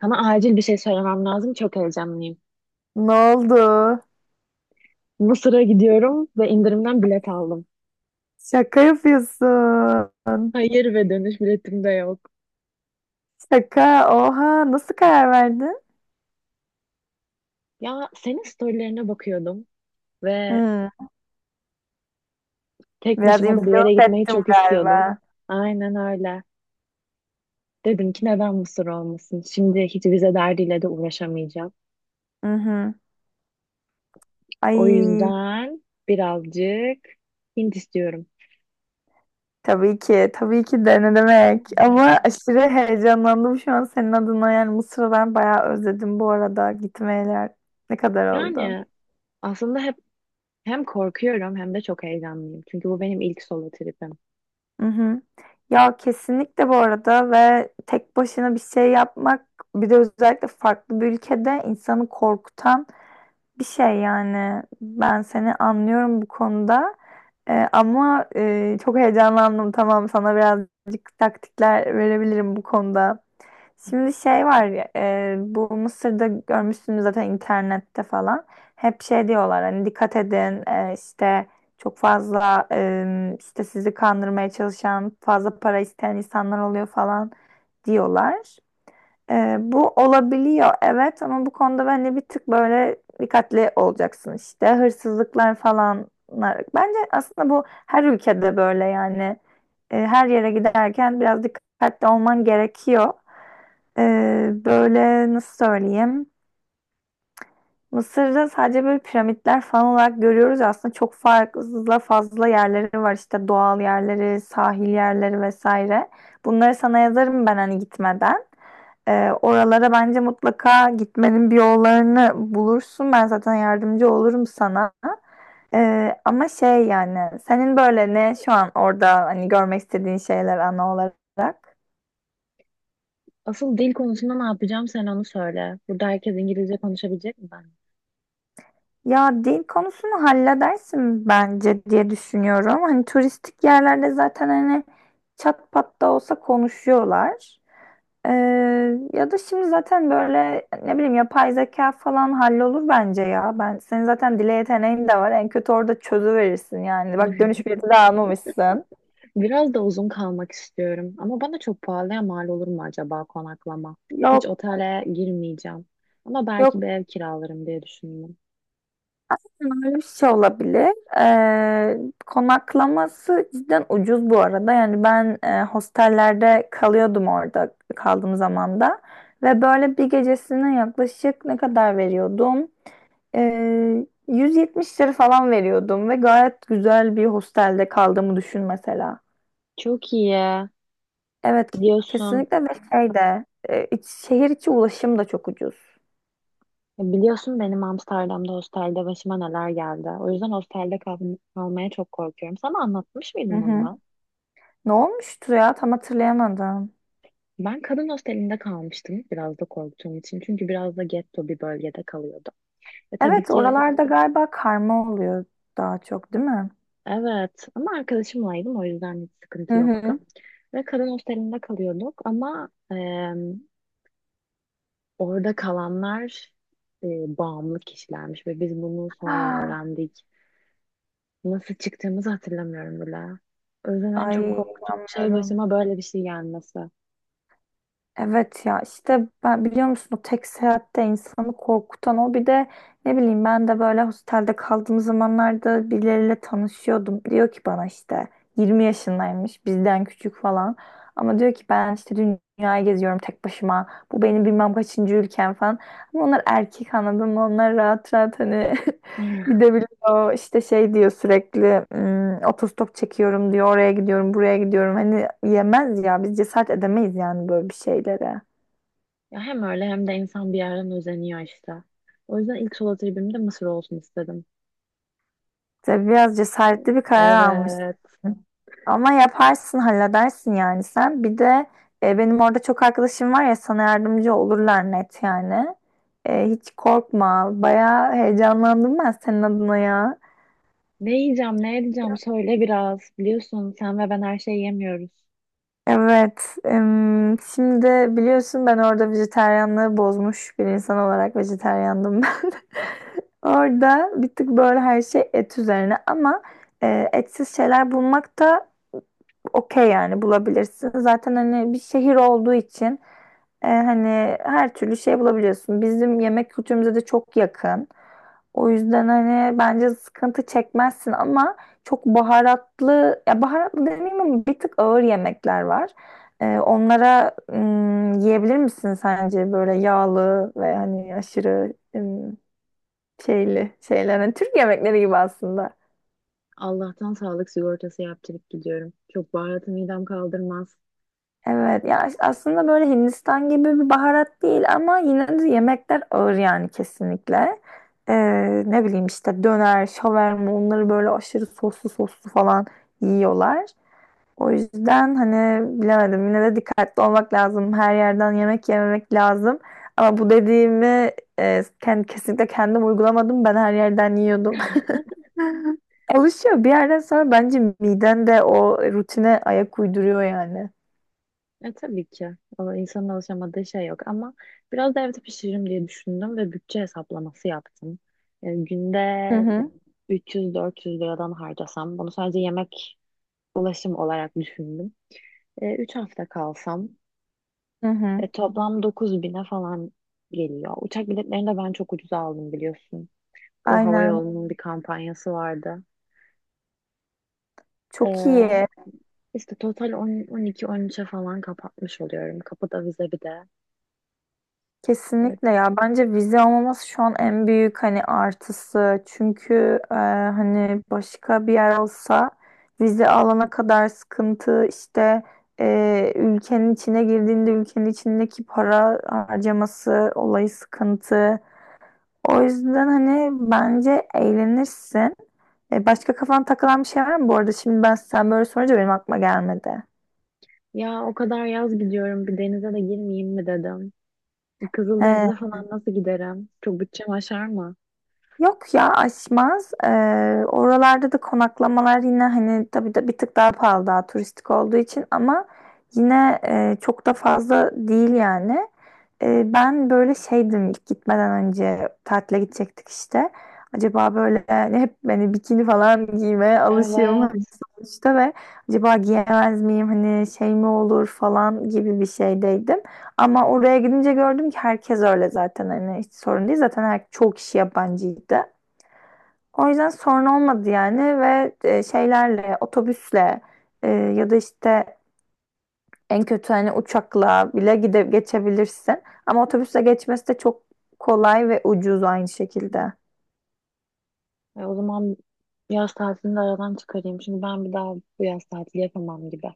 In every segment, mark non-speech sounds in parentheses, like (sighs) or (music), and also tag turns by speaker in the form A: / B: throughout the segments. A: Sana acil bir şey söylemem lazım. Çok heyecanlıyım.
B: Ne oldu?
A: Mısır'a gidiyorum ve indirimden bilet aldım.
B: Şaka yapıyorsun.
A: Hayır ve dönüş biletim de yok.
B: Şaka. Oha. Nasıl karar verdin?
A: Ya senin storylerine bakıyordum ve
B: Hmm,
A: tek
B: Biraz
A: başıma da bir yere
B: influence
A: gitmeyi
B: ettim
A: çok istiyordum.
B: galiba.
A: Aynen öyle. Dedim ki neden Mısır olmasın? Şimdi hiç vize derdiyle de uğraşamayacağım.
B: Hı hı.
A: O
B: Ay.
A: yüzden birazcık Hint istiyorum.
B: Tabii ki. Tabii ki de ne demek. Ama aşırı heyecanlandım şu an senin adına. Yani Mısır'ı ben bayağı özledim bu arada. Gitmeyeler. Ne kadar oldu?
A: Yani aslında hep hem korkuyorum hem de çok heyecanlıyım. Çünkü bu benim ilk solo tripim.
B: Hı hı. Ya kesinlikle bu arada, ve tek başına bir şey yapmak, bir de özellikle farklı bir ülkede insanı korkutan bir şey, yani ben seni anlıyorum bu konuda. Ama çok heyecanlandım, tamam, sana birazcık taktikler verebilirim bu konuda. Şimdi şey var ya, bu Mısır'da görmüşsünüz zaten internette falan, hep şey diyorlar, hani dikkat edin, işte çok fazla, işte sizi kandırmaya çalışan, fazla para isteyen insanlar oluyor falan diyorlar. Bu olabiliyor, evet, ama bu konuda bence bir tık böyle dikkatli olacaksın, işte hırsızlıklar falan. Bence aslında bu her ülkede böyle, yani. Her yere giderken biraz dikkatli olman gerekiyor. Böyle nasıl söyleyeyim? Mısır'da sadece böyle piramitler falan olarak görüyoruz ya, aslında çok fazla fazla yerleri var, işte doğal yerleri, sahil yerleri vesaire. Bunları sana yazarım ben hani gitmeden. Oralara bence mutlaka gitmenin bir yollarını bulursun. Ben zaten yardımcı olurum sana. Ama şey yani, senin böyle ne şu an orada hani görmek istediğin şeyler ana olarak?
A: Asıl dil konusunda ne yapacağım sen onu söyle. Burada herkes İngilizce konuşabilecek mi ben?
B: Ya dil konusunu halledersin bence diye düşünüyorum. Hani turistik yerlerde zaten hani çat pat da olsa konuşuyorlar. Ee, Ya da şimdi zaten böyle, ne bileyim, yapay zeka falan hallolur bence ya. Ben senin zaten dile yeteneğin de var. En kötü orada çözüverirsin yani. Bak dönüş
A: (laughs)
B: bileti de almamışsın.
A: Biraz da uzun kalmak istiyorum. Ama bana çok pahalıya mal olur mu acaba konaklama? Hiç
B: Yok,
A: otele girmeyeceğim. Ama belki bir
B: yok.
A: ev kiralarım diye düşündüm.
B: Öyle bir şey olabilir. Ee, Konaklaması cidden ucuz bu arada. Yani ben hostellerde kalıyordum, orada kaldığım zaman da ve böyle bir gecesine yaklaşık ne kadar veriyordum? 170 lira falan veriyordum ve gayet güzel bir hostelde kaldığımı düşün mesela.
A: Çok iyi.
B: Evet,
A: Biliyorsun.
B: kesinlikle. Ve şey de şehir içi ulaşım da çok ucuz.
A: Biliyorsun benim Amsterdam'da hostelde başıma neler geldi. O yüzden hostelde kalmaya çok korkuyorum. Sana anlatmış
B: Hı
A: mıydım onu
B: hı.
A: ben?
B: Ne olmuştu ya, tam hatırlayamadım.
A: Ben kadın hostelinde kalmıştım biraz da korktuğum için. Çünkü biraz da getto bir bölgede kalıyordum. Ve tabii
B: Evet,
A: ki.
B: oralarda galiba karma oluyor daha çok, değil mi?
A: Evet ama arkadaşımlaydım o yüzden hiç
B: Hı
A: sıkıntı yoktu.
B: hı.
A: Ve kadın hostelinde kalıyorduk ama orada kalanlar bağımlı kişilermiş ve biz bunu sonradan
B: Ah.
A: öğrendik. Nasıl çıktığımızı hatırlamıyorum bile. O yüzden en
B: Ay,
A: çok korktuğum şey
B: bilmiyorum.
A: başıma böyle bir şey gelmesi.
B: Evet ya, işte ben, biliyor musun, o tek seyahatte insanı korkutan, o bir de ne bileyim, ben de böyle hostelde kaldığım zamanlarda birileriyle tanışıyordum. Diyor ki bana, işte 20 yaşındaymış, bizden küçük falan, ama diyor ki, ben işte dünyayı geziyorum tek başıma, bu benim bilmem kaçıncı ülkem falan, ama onlar erkek, anladın mı, onlar rahat rahat hani (laughs)
A: (laughs)
B: gidebiliyor, işte şey diyor sürekli, Otostop çekiyorum, diyor, oraya gidiyorum, buraya gidiyorum," hani yemez ya, biz cesaret edemeyiz yani böyle bir şeylere.
A: Ya hem öyle hem de insan bir yerden özeniyor işte. O yüzden ilk solo tribim de Mısır olsun istedim.
B: İşte biraz cesaretli bir karar almışsın,
A: Evet.
B: ama yaparsın halledersin yani. Sen bir de benim orada çok arkadaşım var ya, sana yardımcı olurlar, net yani. Hiç korkma, bayağı heyecanlandım ben senin adına ya.
A: Ne yiyeceğim, ne edeceğim söyle biraz. Biliyorsun sen ve ben her şeyi yemiyoruz.
B: Evet. Şimdi biliyorsun, ben orada vejetaryenliği bozmuş bir insan olarak, vejetaryendim ben. (laughs) Orada bir tık böyle her şey et üzerine, ama etsiz şeyler bulmak da okey yani, bulabilirsin. Zaten hani bir şehir olduğu için hani her türlü şey bulabiliyorsun. Bizim yemek kültürümüze de çok yakın. O yüzden hani bence sıkıntı çekmezsin, ama çok baharatlı, ya baharatlı demeyeyim, ama bir tık ağır yemekler var. Onlara yiyebilir misin sence? Böyle yağlı ve hani aşırı şeyli şeyler? Hani Türk yemekleri gibi aslında.
A: Allah'tan sağlık sigortası yaptırıp gidiyorum. Çok baharatı midem kaldırmaz.
B: Evet, ya aslında böyle Hindistan gibi bir baharat değil, ama yine de yemekler ağır yani, kesinlikle. Ee, Ne bileyim, işte döner, şaverma, onları böyle aşırı soslu soslu falan yiyorlar. O yüzden hani bilemedim. Yine de dikkatli olmak lazım. Her yerden yemek yememek lazım. Ama bu dediğimi kesinlikle kendim uygulamadım. Ben her yerden yiyordum. (laughs) Alışıyor. Bir yerden sonra bence miden de o rutine ayak uyduruyor yani.
A: E tabii ki. O insanın alışamadığı şey yok ama biraz da evde pişiririm diye düşündüm ve bütçe hesaplaması yaptım. E, günde
B: Hı hı.
A: 300-400 liradan harcasam, bunu sadece yemek ulaşım olarak düşündüm. E, 3 hafta kalsam
B: Hı hı.
A: e, toplam 9.000'e falan geliyor. Uçak biletlerini de ben çok ucuza aldım biliyorsun. O hava
B: Aynen.
A: yolunun bir kampanyası vardı. E,
B: Çok iyi.
A: İşte total 10, 12 üçe falan kapatmış oluyorum. Kapıda vize bir de. Evet.
B: Kesinlikle ya, bence vize olmaması şu an en büyük hani artısı, çünkü hani başka bir yer olsa, vize alana kadar sıkıntı, işte ülkenin içine girdiğinde ülkenin içindeki para harcaması olayı sıkıntı, o yüzden hani bence eğlenirsin. Başka kafan takılan bir şey var mı bu arada? Şimdi ben, sen böyle sorunca benim aklıma gelmedi.
A: Ya o kadar yaz gidiyorum bir denize de girmeyeyim mi dedim. Kızıldeniz'e falan nasıl giderim? Çok bütçem aşar mı?
B: Yok ya, aşmaz. Oralarda da konaklamalar yine hani, tabii de bir tık daha pahalı, daha turistik olduğu için, ama yine çok da fazla değil yani. Ben böyle şeydim ilk gitmeden önce, tatile gidecektik işte. Acaba böyle hani, hep beni bikini falan giymeye alışığım hani,
A: Evet.
B: sonuçta, ve acaba giyemez miyim hani, şey mi olur falan gibi bir şeydeydim. Ama oraya gidince gördüm ki herkes öyle zaten, hani hiç sorun değil. Zaten her, çoğu kişi yabancıydı. O yüzden sorun olmadı yani. Ve şeylerle, otobüsle, ya da işte en kötü hani uçakla bile gide geçebilirsin. Ama otobüsle geçmesi de çok kolay ve ucuz, aynı şekilde.
A: E, o zaman yaz tatilini de aradan çıkarayım. Çünkü ben bir daha bu yaz tatili yapamam gibi.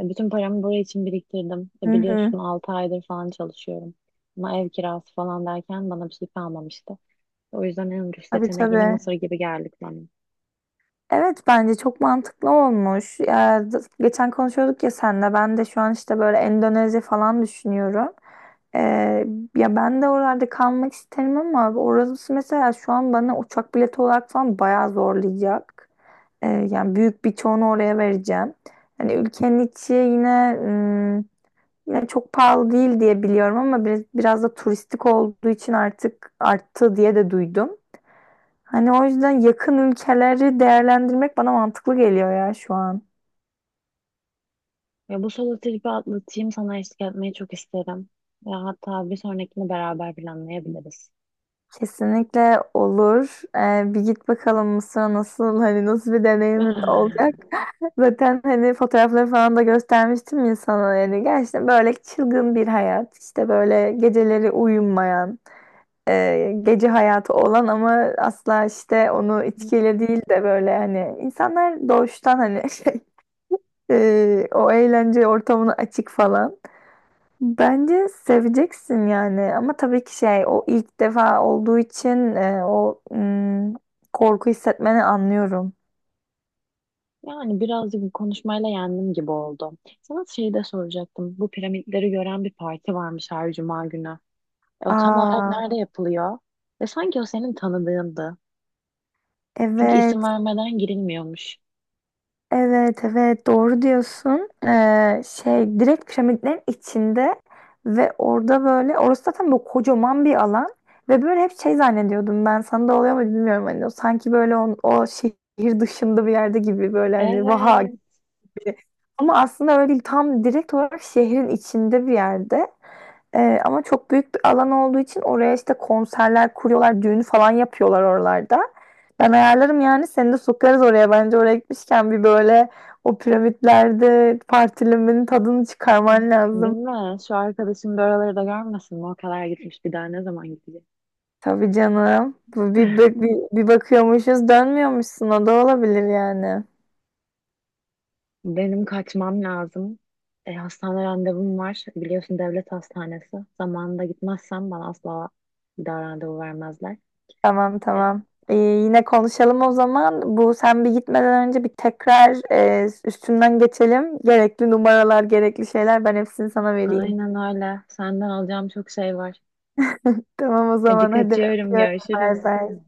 A: E, bütün paramı buraya için biriktirdim. E,
B: Hı hı.
A: biliyorsun 6 aydır falan çalışıyorum. Ama ev kirası falan derken bana bir şey kalmamıştı. O yüzden en ucuz
B: Tabii,
A: seçenek yine
B: tabii.
A: Mısır gibi geldik bana.
B: Evet, bence çok mantıklı olmuş. Ya, geçen konuşuyorduk ya senle. Ben de şu an işte böyle Endonezya falan düşünüyorum. Ee, Ya ben de oralarda kalmak isterim, ama orası mesela şu an bana uçak bileti olarak falan bayağı zorlayacak. Yani büyük bir çoğunu oraya vereceğim. Hani ülkenin içi yine yine çok pahalı değil diye biliyorum, ama biraz da turistik olduğu için artık arttı diye de duydum. Hani o yüzden yakın ülkeleri değerlendirmek bana mantıklı geliyor ya şu an.
A: Ya bu solo tripi atlatayım sana eşlik etmeyi çok isterim. Ya hatta bir sonrakini beraber planlayabiliriz.
B: Kesinlikle olur. Bir git bakalım Mısır'a, nasıl hani nasıl bir deneyimin olacak.
A: (laughs)
B: Zaten hani fotoğrafları falan da göstermiştim ya sana, yani gerçekten böyle çılgın bir hayat. İşte böyle geceleri uyumayan, gece hayatı olan, ama asla işte onu
A: (sighs)
B: içkiyle değil de böyle hani insanlar doğuştan hani (laughs) şey, o eğlence ortamına açık falan. Bence seveceksin yani, ama tabii ki şey, o ilk defa olduğu için o korku hissetmeni anlıyorum.
A: Yani birazcık bu konuşmayla yendim gibi oldu. Sana şeyi de soracaktım. Bu piramitleri gören bir parti varmış her cuma günü. E, o tam olarak
B: Aa,
A: nerede yapılıyor? Ve sanki o senin tanıdığındı. Çünkü
B: evet,
A: isim vermeden girilmiyormuş.
B: evet, evet, doğru diyorsun. Şey direkt piramitlerin içinde, ve orada böyle orası zaten böyle kocaman bir alan. Ve böyle hep şey zannediyordum, ben sana da oluyor mu bilmiyorum hani, o sanki böyle o şehir dışında bir yerde gibi, böyle hani vaha.
A: Evet.
B: Ama aslında öyle değil. Tam direkt olarak şehrin içinde bir yerde. Ama çok büyük bir alan olduğu için oraya işte konserler kuruyorlar, düğün falan yapıyorlar oralarda. Ben ayarlarım yani, seni de sokarız oraya. Bence oraya gitmişken bir böyle o piramitlerde partilimin tadını çıkarman
A: Değil
B: lazım.
A: mi? Şu arkadaşım da oraları da görmesin mi? O kadar gitmiş bir daha ne zaman gidecek?
B: Tabii canım. Bu Bir, bir,
A: (laughs)
B: bir, bir bakıyormuşuz, dönmüyormuşsun, o da olabilir yani.
A: Benim kaçmam lazım. E, hastane randevum var. Biliyorsun devlet hastanesi. Zamanında gitmezsem bana asla bir daha randevu vermezler.
B: Tamam,
A: E,
B: tamam. Yine konuşalım o zaman. Bu, sen bir gitmeden önce, bir tekrar üstünden geçelim. Gerekli numaralar, gerekli şeyler, ben hepsini sana vereyim.
A: aynen öyle. Senden alacağım çok şey var.
B: Tamam o
A: Hadi
B: zaman, hadi
A: kaçıyorum.
B: öpüyorum. Bay
A: Görüşürüz.
B: bay.